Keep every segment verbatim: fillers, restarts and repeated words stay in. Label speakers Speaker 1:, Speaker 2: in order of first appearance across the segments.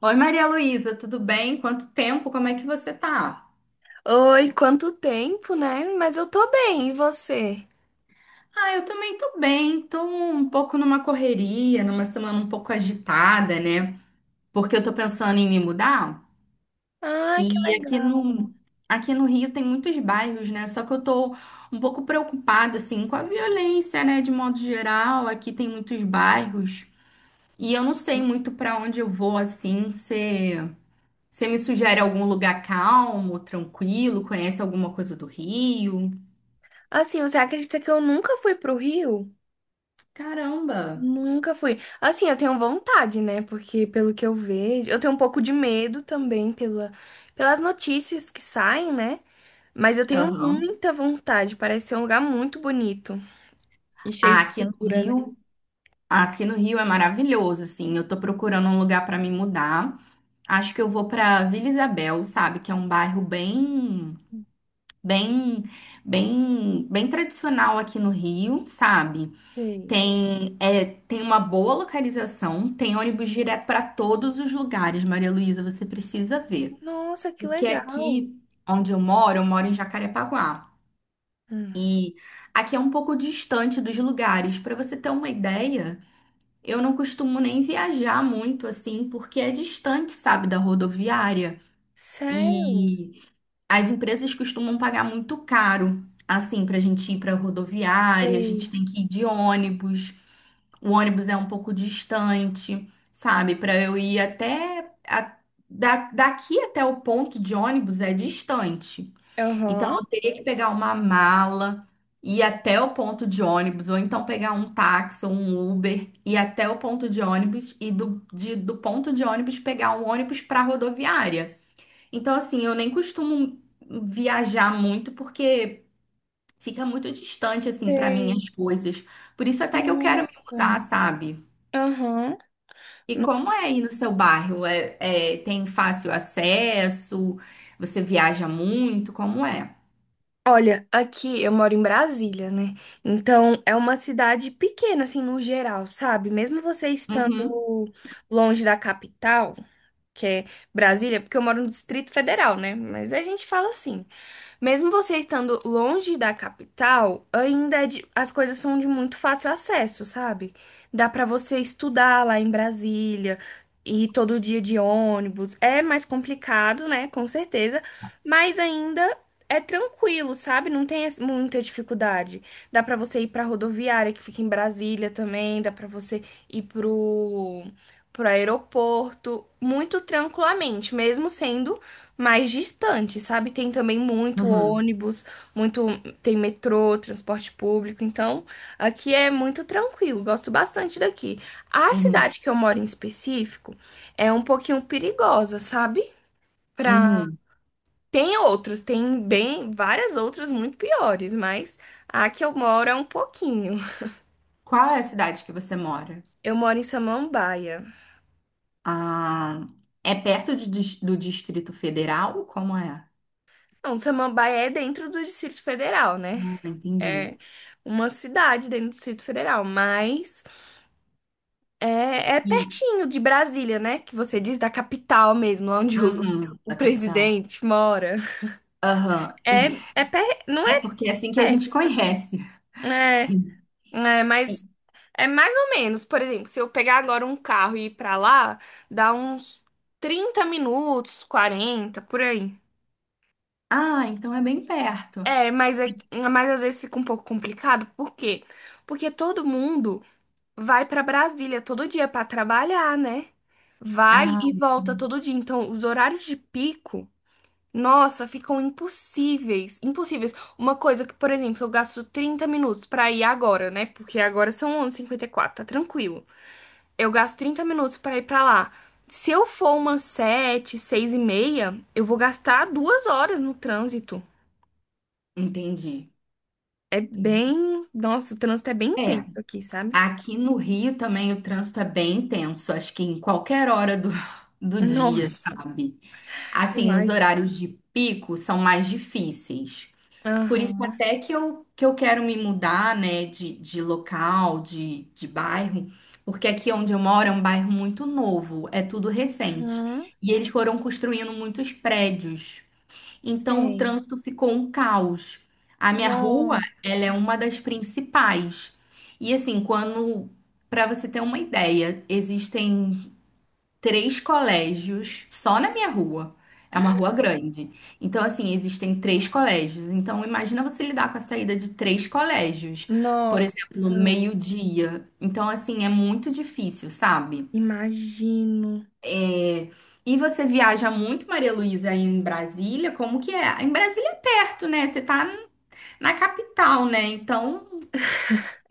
Speaker 1: Oi, Maria Luísa, tudo bem? Quanto tempo? Como é que você tá?
Speaker 2: Oi, quanto tempo, né? Mas eu tô bem, e você?
Speaker 1: Ah, eu também tô bem, tô um pouco numa correria, numa semana um pouco agitada, né? Porque eu tô pensando em me mudar
Speaker 2: Ah, que
Speaker 1: e aqui
Speaker 2: legal.
Speaker 1: no, aqui no Rio tem muitos bairros, né? Só que eu tô um pouco preocupada, assim, com a violência, né? De modo geral, aqui tem muitos bairros e eu não sei muito pra onde eu vou, assim, se... Você me sugere algum lugar calmo, tranquilo? Conhece alguma coisa do Rio?
Speaker 2: Assim, você acredita que eu nunca fui pro Rio?
Speaker 1: Caramba!
Speaker 2: Nunca fui. Assim, eu tenho vontade, né? Porque pelo que eu vejo, eu tenho um pouco de medo também pela, pelas notícias que saem, né? Mas eu tenho
Speaker 1: Aham.
Speaker 2: muita vontade. Parece ser um lugar muito bonito e cheio
Speaker 1: Ah,
Speaker 2: de
Speaker 1: aqui no
Speaker 2: cultura, né?
Speaker 1: Rio, aqui no Rio é maravilhoso, assim. Eu tô procurando um lugar pra me mudar. Acho que eu vou pra Vila Isabel, sabe? Que é um bairro bem, bem, bem, bem tradicional aqui no Rio, sabe?
Speaker 2: Sei.
Speaker 1: Tem, é, tem uma boa localização, tem ônibus direto pra todos os lugares, Maria Luísa, você precisa ver.
Speaker 2: Nossa, que
Speaker 1: Porque
Speaker 2: legal.
Speaker 1: aqui onde eu moro, eu moro em Jacarepaguá.
Speaker 2: Hum.
Speaker 1: Aqui é um pouco distante dos lugares. Para você ter uma ideia, eu não costumo nem viajar muito assim, porque é distante, sabe, da rodoviária.
Speaker 2: Sério?
Speaker 1: E as empresas costumam pagar muito caro, assim, para a gente ir para rodoviária, a gente
Speaker 2: Sei.
Speaker 1: tem que ir de ônibus. O ônibus é um pouco distante, sabe? Para eu ir até a- da- daqui até o ponto de ônibus é distante. Então,
Speaker 2: Aham.
Speaker 1: eu teria que pegar uma mala, ir até o ponto de ônibus, ou então pegar um táxi ou um Uber, ir até o ponto de ônibus e do, de- do ponto de ônibus pegar um ônibus para rodoviária. Então, assim, eu nem costumo viajar muito porque fica muito distante, assim, para mim
Speaker 2: Sei.
Speaker 1: as coisas. Por isso, até que eu quero me
Speaker 2: Nossa.
Speaker 1: mudar, sabe?
Speaker 2: Aham.
Speaker 1: E
Speaker 2: No-
Speaker 1: como é aí no seu bairro? É, é- tem fácil acesso? Você viaja muito? Como é?
Speaker 2: Olha, aqui eu moro em Brasília, né? Então é uma cidade pequena, assim, no geral, sabe? Mesmo você estando
Speaker 1: Uhum,
Speaker 2: longe da capital, que é Brasília, porque eu moro no Distrito Federal, né? Mas a gente fala assim. Mesmo você estando longe da capital, ainda é de- as coisas são de muito fácil acesso, sabe? Dá pra você estudar lá em Brasília, ir todo dia de ônibus. É mais complicado, né? Com certeza, mas ainda é tranquilo, sabe? Não tem es- muita dificuldade. Dá pra você ir pra rodoviária que fica em Brasília também, dá pra você ir pro pro aeroporto muito tranquilamente, mesmo sendo mais distante, sabe? Tem também muito
Speaker 1: uhum,
Speaker 2: ônibus, muito tem metrô, transporte público. Então, aqui é muito tranquilo. Gosto bastante daqui. A
Speaker 1: uhum.
Speaker 2: cidade que eu moro em específico é um pouquinho perigosa, sabe? Pra...
Speaker 1: Uhum.
Speaker 2: Tem outras, tem bem várias outras muito piores, mas a que eu moro é um pouquinho.
Speaker 1: Qual é a cidade que você mora?
Speaker 2: Eu moro em Samambaia.
Speaker 1: Ah, é perto de dis- do Distrito Federal? Como é?
Speaker 2: Não, Samambaia é dentro do Distrito Federal, né?
Speaker 1: Ah,
Speaker 2: É
Speaker 1: entendi.
Speaker 2: uma cidade dentro do Distrito Federal, mas É, é
Speaker 1: E,
Speaker 2: pertinho de Brasília, né? Que você diz da capital mesmo, lá onde o,
Speaker 1: uhum,
Speaker 2: o
Speaker 1: da capital.
Speaker 2: presidente mora.
Speaker 1: Aham. E
Speaker 2: É, é per... não
Speaker 1: é
Speaker 2: é
Speaker 1: porque é assim que a gente
Speaker 2: perto,
Speaker 1: conhece.
Speaker 2: é, é,
Speaker 1: E-
Speaker 2: mas é mais ou menos. Por exemplo, se eu pegar agora um carro e ir pra lá, dá uns trinta minutos, quarenta por aí.
Speaker 1: ah, então é bem perto.
Speaker 2: É, mas, é, mas às vezes fica um pouco complicado. Por quê? Porque todo mundo vai pra Brasília todo dia pra trabalhar, né? Vai
Speaker 1: Ah,
Speaker 2: e volta todo dia. Então, os horários de pico. Nossa, ficam impossíveis, impossíveis. Uma coisa que, por exemplo, eu gasto trinta minutos pra ir agora, né? Porque agora são onze e cinquenta e quatro, tá tranquilo. Eu gasto trinta minutos pra ir pra lá. Se eu for umas sete, seis e meia, eu vou gastar duas horas no trânsito.
Speaker 1: entendi.
Speaker 2: É
Speaker 1: Entendi.
Speaker 2: bem... Nossa, o trânsito é bem
Speaker 1: É,
Speaker 2: intenso aqui, sabe?
Speaker 1: aqui no Rio também o trânsito é bem intenso, acho que em qualquer hora do, do dia,
Speaker 2: Nossa,
Speaker 1: sabe? Assim, nos
Speaker 2: imagina.
Speaker 1: horários de pico são mais difíceis. Por isso
Speaker 2: Aham,
Speaker 1: até que eu, que eu quero me mudar, né, de, de local, de, de bairro, porque aqui onde eu moro é um bairro muito novo, é tudo recente.
Speaker 2: aham,
Speaker 1: E eles foram construindo muitos prédios. Então o
Speaker 2: sei.
Speaker 1: trânsito ficou um caos. A minha rua,
Speaker 2: Nossa,
Speaker 1: ela é uma das principais. E assim, quando, para você ter uma ideia, existem três colégios só na minha rua. É uma rua grande. Então, assim, existem três colégios. Então, imagina você lidar com a saída de três colégios. Por
Speaker 2: nossa,
Speaker 1: exemplo, meio-dia. Então, assim, é muito difícil, sabe?
Speaker 2: imagino.
Speaker 1: É, E você viaja muito, Maria Luísa, aí em Brasília? Como que é? Em Brasília é perto, né? Você tá na capital, né? Então,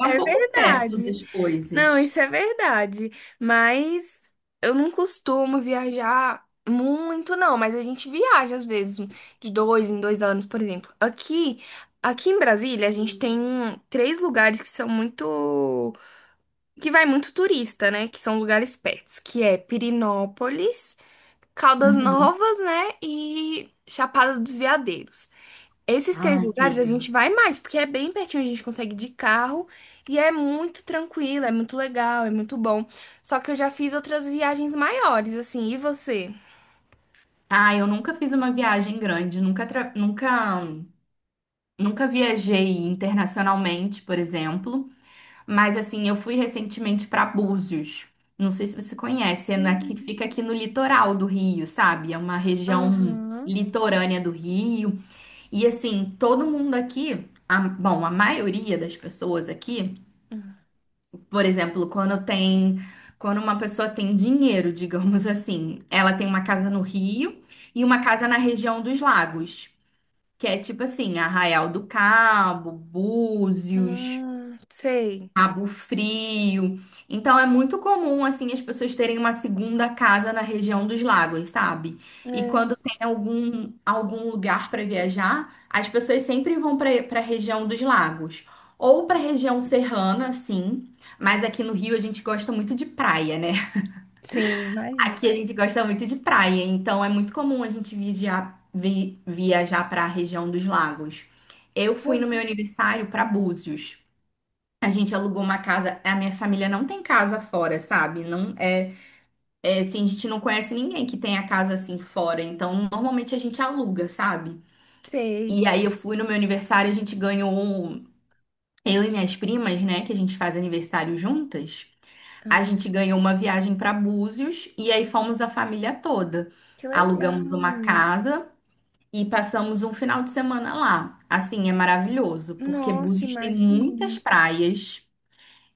Speaker 1: é um
Speaker 2: É
Speaker 1: pouco perto
Speaker 2: verdade.
Speaker 1: das
Speaker 2: Não,
Speaker 1: coisas.
Speaker 2: isso é verdade. Mas eu não costumo viajar muito, não. Mas a gente viaja às vezes, de dois em dois anos, por exemplo. Aqui, aqui em Brasília, a gente tem três lugares que são muito, que vai muito turista, né? Que são lugares pertos, que é Pirinópolis, Caldas
Speaker 1: Uhum.
Speaker 2: Novas, né? E Chapada dos Veadeiros. Esses três
Speaker 1: Ai, que
Speaker 2: lugares a
Speaker 1: legal.
Speaker 2: gente vai mais, porque é bem pertinho, a gente consegue de carro e é muito tranquilo, é muito legal, é muito bom. Só que eu já fiz outras viagens maiores, assim, e você?
Speaker 1: Ah, eu nunca fiz uma viagem grande, nunca, tra- nunca Nunca viajei internacionalmente, por exemplo, mas assim, eu fui recentemente para Búzios. Não sei se você conhece, é na, que fica aqui no litoral do Rio, sabe? É uma região
Speaker 2: Aham.
Speaker 1: litorânea do Rio. E assim, todo mundo aqui, a- bom, a maioria das pessoas aqui,
Speaker 2: Hum,
Speaker 1: por exemplo, quando tem, quando uma pessoa tem dinheiro, digamos assim, ela tem uma casa no Rio e uma casa na região dos lagos que é tipo assim, Arraial do Cabo, Búzios,
Speaker 2: Hum, sei.
Speaker 1: Cabo Frio. Então é muito comum assim as pessoas terem uma segunda casa na região dos lagos, sabe? E
Speaker 2: É,
Speaker 1: quando tem algum algum lugar para viajar, as pessoas sempre vão para para a região dos lagos. Ou para a região serrana, sim, mas aqui no Rio a gente gosta muito de praia, né?
Speaker 2: sim, imagino.
Speaker 1: Aqui a gente gosta muito de praia, então é muito comum a gente viajar, vi- viajar para a região dos lagos. Eu fui no meu
Speaker 2: Aham.
Speaker 1: aniversário para Búzios. A gente alugou uma casa. A minha família não tem casa fora, sabe? Não é, é assim, a gente não conhece ninguém que tenha casa assim fora. Então, normalmente a gente aluga, sabe?
Speaker 2: Sei.
Speaker 1: E aí eu fui no meu aniversário, a gente ganhou um- Eu e minhas primas, né? Que a gente faz aniversário juntas. A
Speaker 2: Ah,
Speaker 1: gente ganhou uma viagem para Búzios e aí fomos a família toda.
Speaker 2: que
Speaker 1: Alugamos uma
Speaker 2: legal.
Speaker 1: casa e passamos um final de semana lá. Assim, é maravilhoso, porque
Speaker 2: Nossa,
Speaker 1: Búzios tem muitas
Speaker 2: imagino.
Speaker 1: praias.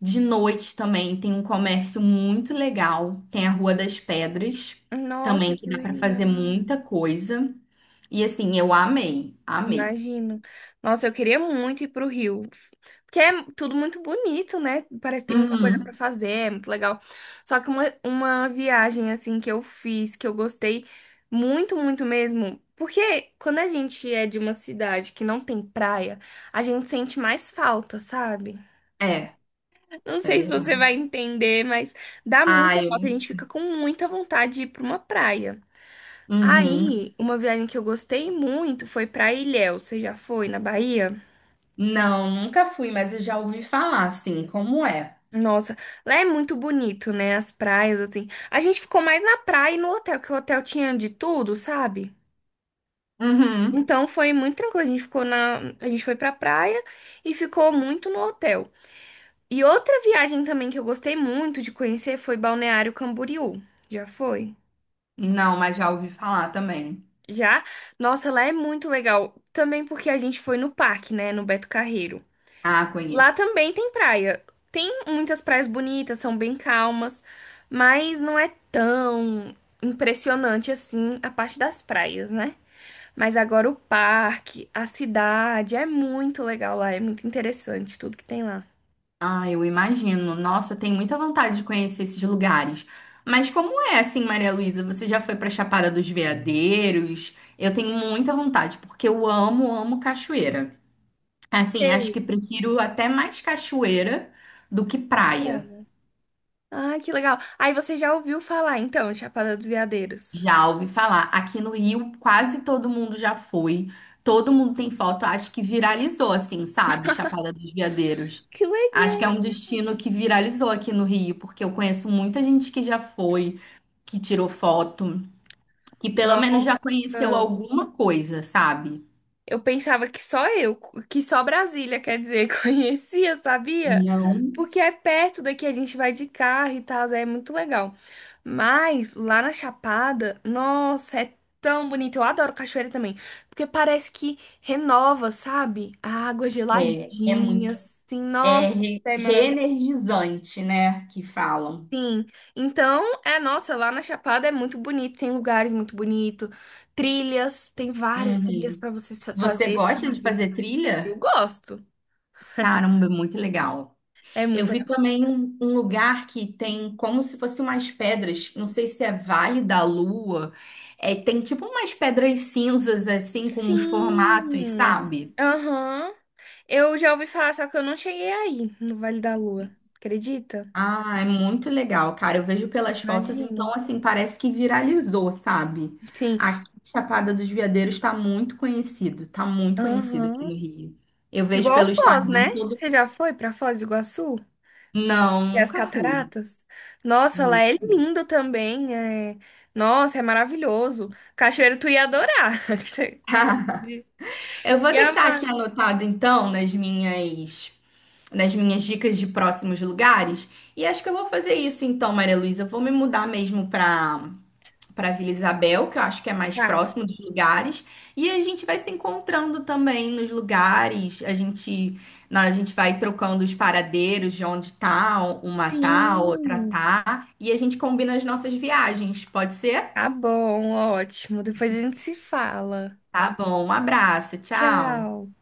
Speaker 1: De noite também tem um comércio muito legal. Tem a Rua das Pedras
Speaker 2: Nossa,
Speaker 1: também, que
Speaker 2: que
Speaker 1: dá para
Speaker 2: legal.
Speaker 1: fazer muita coisa. E assim, eu amei, amei.
Speaker 2: Imagino. Nossa, eu queria muito ir pro Rio. Porque é tudo muito bonito, né? Parece que tem muita coisa pra
Speaker 1: Uhum.
Speaker 2: fazer, é muito legal. Só que uma, uma viagem, assim, que eu fiz, que eu gostei muito, muito mesmo. Porque quando a gente é de uma cidade que não tem praia, a gente sente mais falta, sabe?
Speaker 1: É,
Speaker 2: Não
Speaker 1: é
Speaker 2: sei se você vai
Speaker 1: verdade.
Speaker 2: entender, mas dá
Speaker 1: Ah,
Speaker 2: muita falta. A
Speaker 1: eu
Speaker 2: gente fica com muita vontade de ir pra uma praia.
Speaker 1: Uhum.
Speaker 2: Aí, uma viagem que eu gostei muito foi pra Ilhéus. Você já foi na Bahia?
Speaker 1: Não, nunca fui, mas eu já ouvi falar, assim, como é.
Speaker 2: Nossa, lá é muito bonito, né? As praias, assim. A gente ficou mais na praia e no hotel, que o hotel tinha de tudo, sabe?
Speaker 1: Uhum.
Speaker 2: Então foi muito tranquilo. A gente ficou na. A gente foi pra praia e ficou muito no hotel. E outra viagem também que eu gostei muito de conhecer foi Balneário Camboriú. Já foi?
Speaker 1: Não, mas já ouvi falar também.
Speaker 2: Já? Nossa, lá é muito legal. Também porque a gente foi no parque, né? No Beto Carreiro.
Speaker 1: Ah,
Speaker 2: Lá
Speaker 1: conheço.
Speaker 2: também tem praia. Tem muitas praias bonitas, são bem calmas, mas não é tão impressionante assim a parte das praias, né? Mas agora o parque, a cidade, é muito legal lá, é muito interessante tudo que tem lá.
Speaker 1: Ah, eu imagino. Nossa, tem muita vontade de conhecer esses lugares. Mas como é assim, Maria Luísa? Você já foi pra Chapada dos Veadeiros? Eu tenho muita vontade, porque eu amo, amo cachoeira. Assim, acho
Speaker 2: Ei,
Speaker 1: que prefiro até mais cachoeira do que praia.
Speaker 2: praia. Ah, que legal. Aí você já ouviu falar então, Chapada dos Veadeiros?
Speaker 1: Já ouvi falar. Aqui no Rio, quase todo mundo já foi. Todo mundo tem foto. Acho que viralizou, assim, sabe? Chapada dos Veadeiros.
Speaker 2: Que
Speaker 1: Acho que é um
Speaker 2: legal.
Speaker 1: destino que viralizou aqui no Rio, porque eu conheço muita gente que já foi, que tirou foto, que pelo menos já
Speaker 2: Nossa.
Speaker 1: conheceu alguma coisa, sabe?
Speaker 2: Eu pensava que só eu, que só Brasília, quer dizer, conhecia, sabia?
Speaker 1: Não,
Speaker 2: Porque é perto daqui, a gente vai de carro e tal, é muito legal. Mas lá na Chapada, nossa, é tão bonito. Eu adoro cachoeira também, porque parece que renova, sabe? A água
Speaker 1: é, é
Speaker 2: geladinha,
Speaker 1: muito,
Speaker 2: assim,
Speaker 1: é
Speaker 2: nossa,
Speaker 1: re-
Speaker 2: é maravilhoso.
Speaker 1: reenergizante, né? Que falam.
Speaker 2: Então, é, nossa, lá na Chapada é muito bonito, tem lugares muito bonitos, trilhas, tem várias trilhas
Speaker 1: Uhum.
Speaker 2: pra você sa-
Speaker 1: Você
Speaker 2: fazer,
Speaker 1: gosta de
Speaker 2: sabe?
Speaker 1: fazer
Speaker 2: Eu
Speaker 1: trilha?
Speaker 2: gosto.
Speaker 1: Caramba, é muito legal.
Speaker 2: É
Speaker 1: Eu
Speaker 2: muito
Speaker 1: vi também um, um lugar que tem como se fossem umas pedras, não sei se é Vale da Lua, é, tem tipo umas pedras cinzas assim com uns formatos,
Speaker 2: Sim.
Speaker 1: sabe?
Speaker 2: Aham. Eu já ouvi falar, só que eu não cheguei aí, no Vale da Lua. Acredita?
Speaker 1: Ah, é muito legal, cara. Eu vejo pelas fotos,
Speaker 2: Imagino.
Speaker 1: então assim, parece que viralizou, sabe?
Speaker 2: Sim.
Speaker 1: Aqui, Chapada dos Veadeiros está muito conhecido, tá muito conhecido aqui
Speaker 2: Aham.
Speaker 1: no Rio. Eu vejo
Speaker 2: Igual
Speaker 1: pelo
Speaker 2: Foz, né?
Speaker 1: Instagram todo.
Speaker 2: Você já foi pra Foz do Iguaçu?
Speaker 1: Não,
Speaker 2: E as
Speaker 1: nunca fui.
Speaker 2: cataratas? Nossa, lá
Speaker 1: Nunca
Speaker 2: é
Speaker 1: fui.
Speaker 2: lindo também. É... Nossa, é maravilhoso. Cachoeiro, tu ia adorar. Você
Speaker 1: Eu vou
Speaker 2: ia
Speaker 1: deixar
Speaker 2: amar.
Speaker 1: aqui anotado então nas minhas nas minhas dicas de próximos lugares. E acho que eu vou fazer isso então, Maria Luísa. Eu Vou me mudar mesmo para para Vila Isabel, que eu acho que é mais
Speaker 2: Tá.
Speaker 1: próximo dos lugares. E a gente vai se encontrando também nos lugares. A gente, na- a gente vai trocando os paradeiros de onde tá, uma tá, outra
Speaker 2: Sim.
Speaker 1: tá. E a gente combina as nossas viagens. Pode ser?
Speaker 2: Tá bom, ótimo. Depois a gente se fala.
Speaker 1: Tá bom, um abraço, tchau.
Speaker 2: Tchau.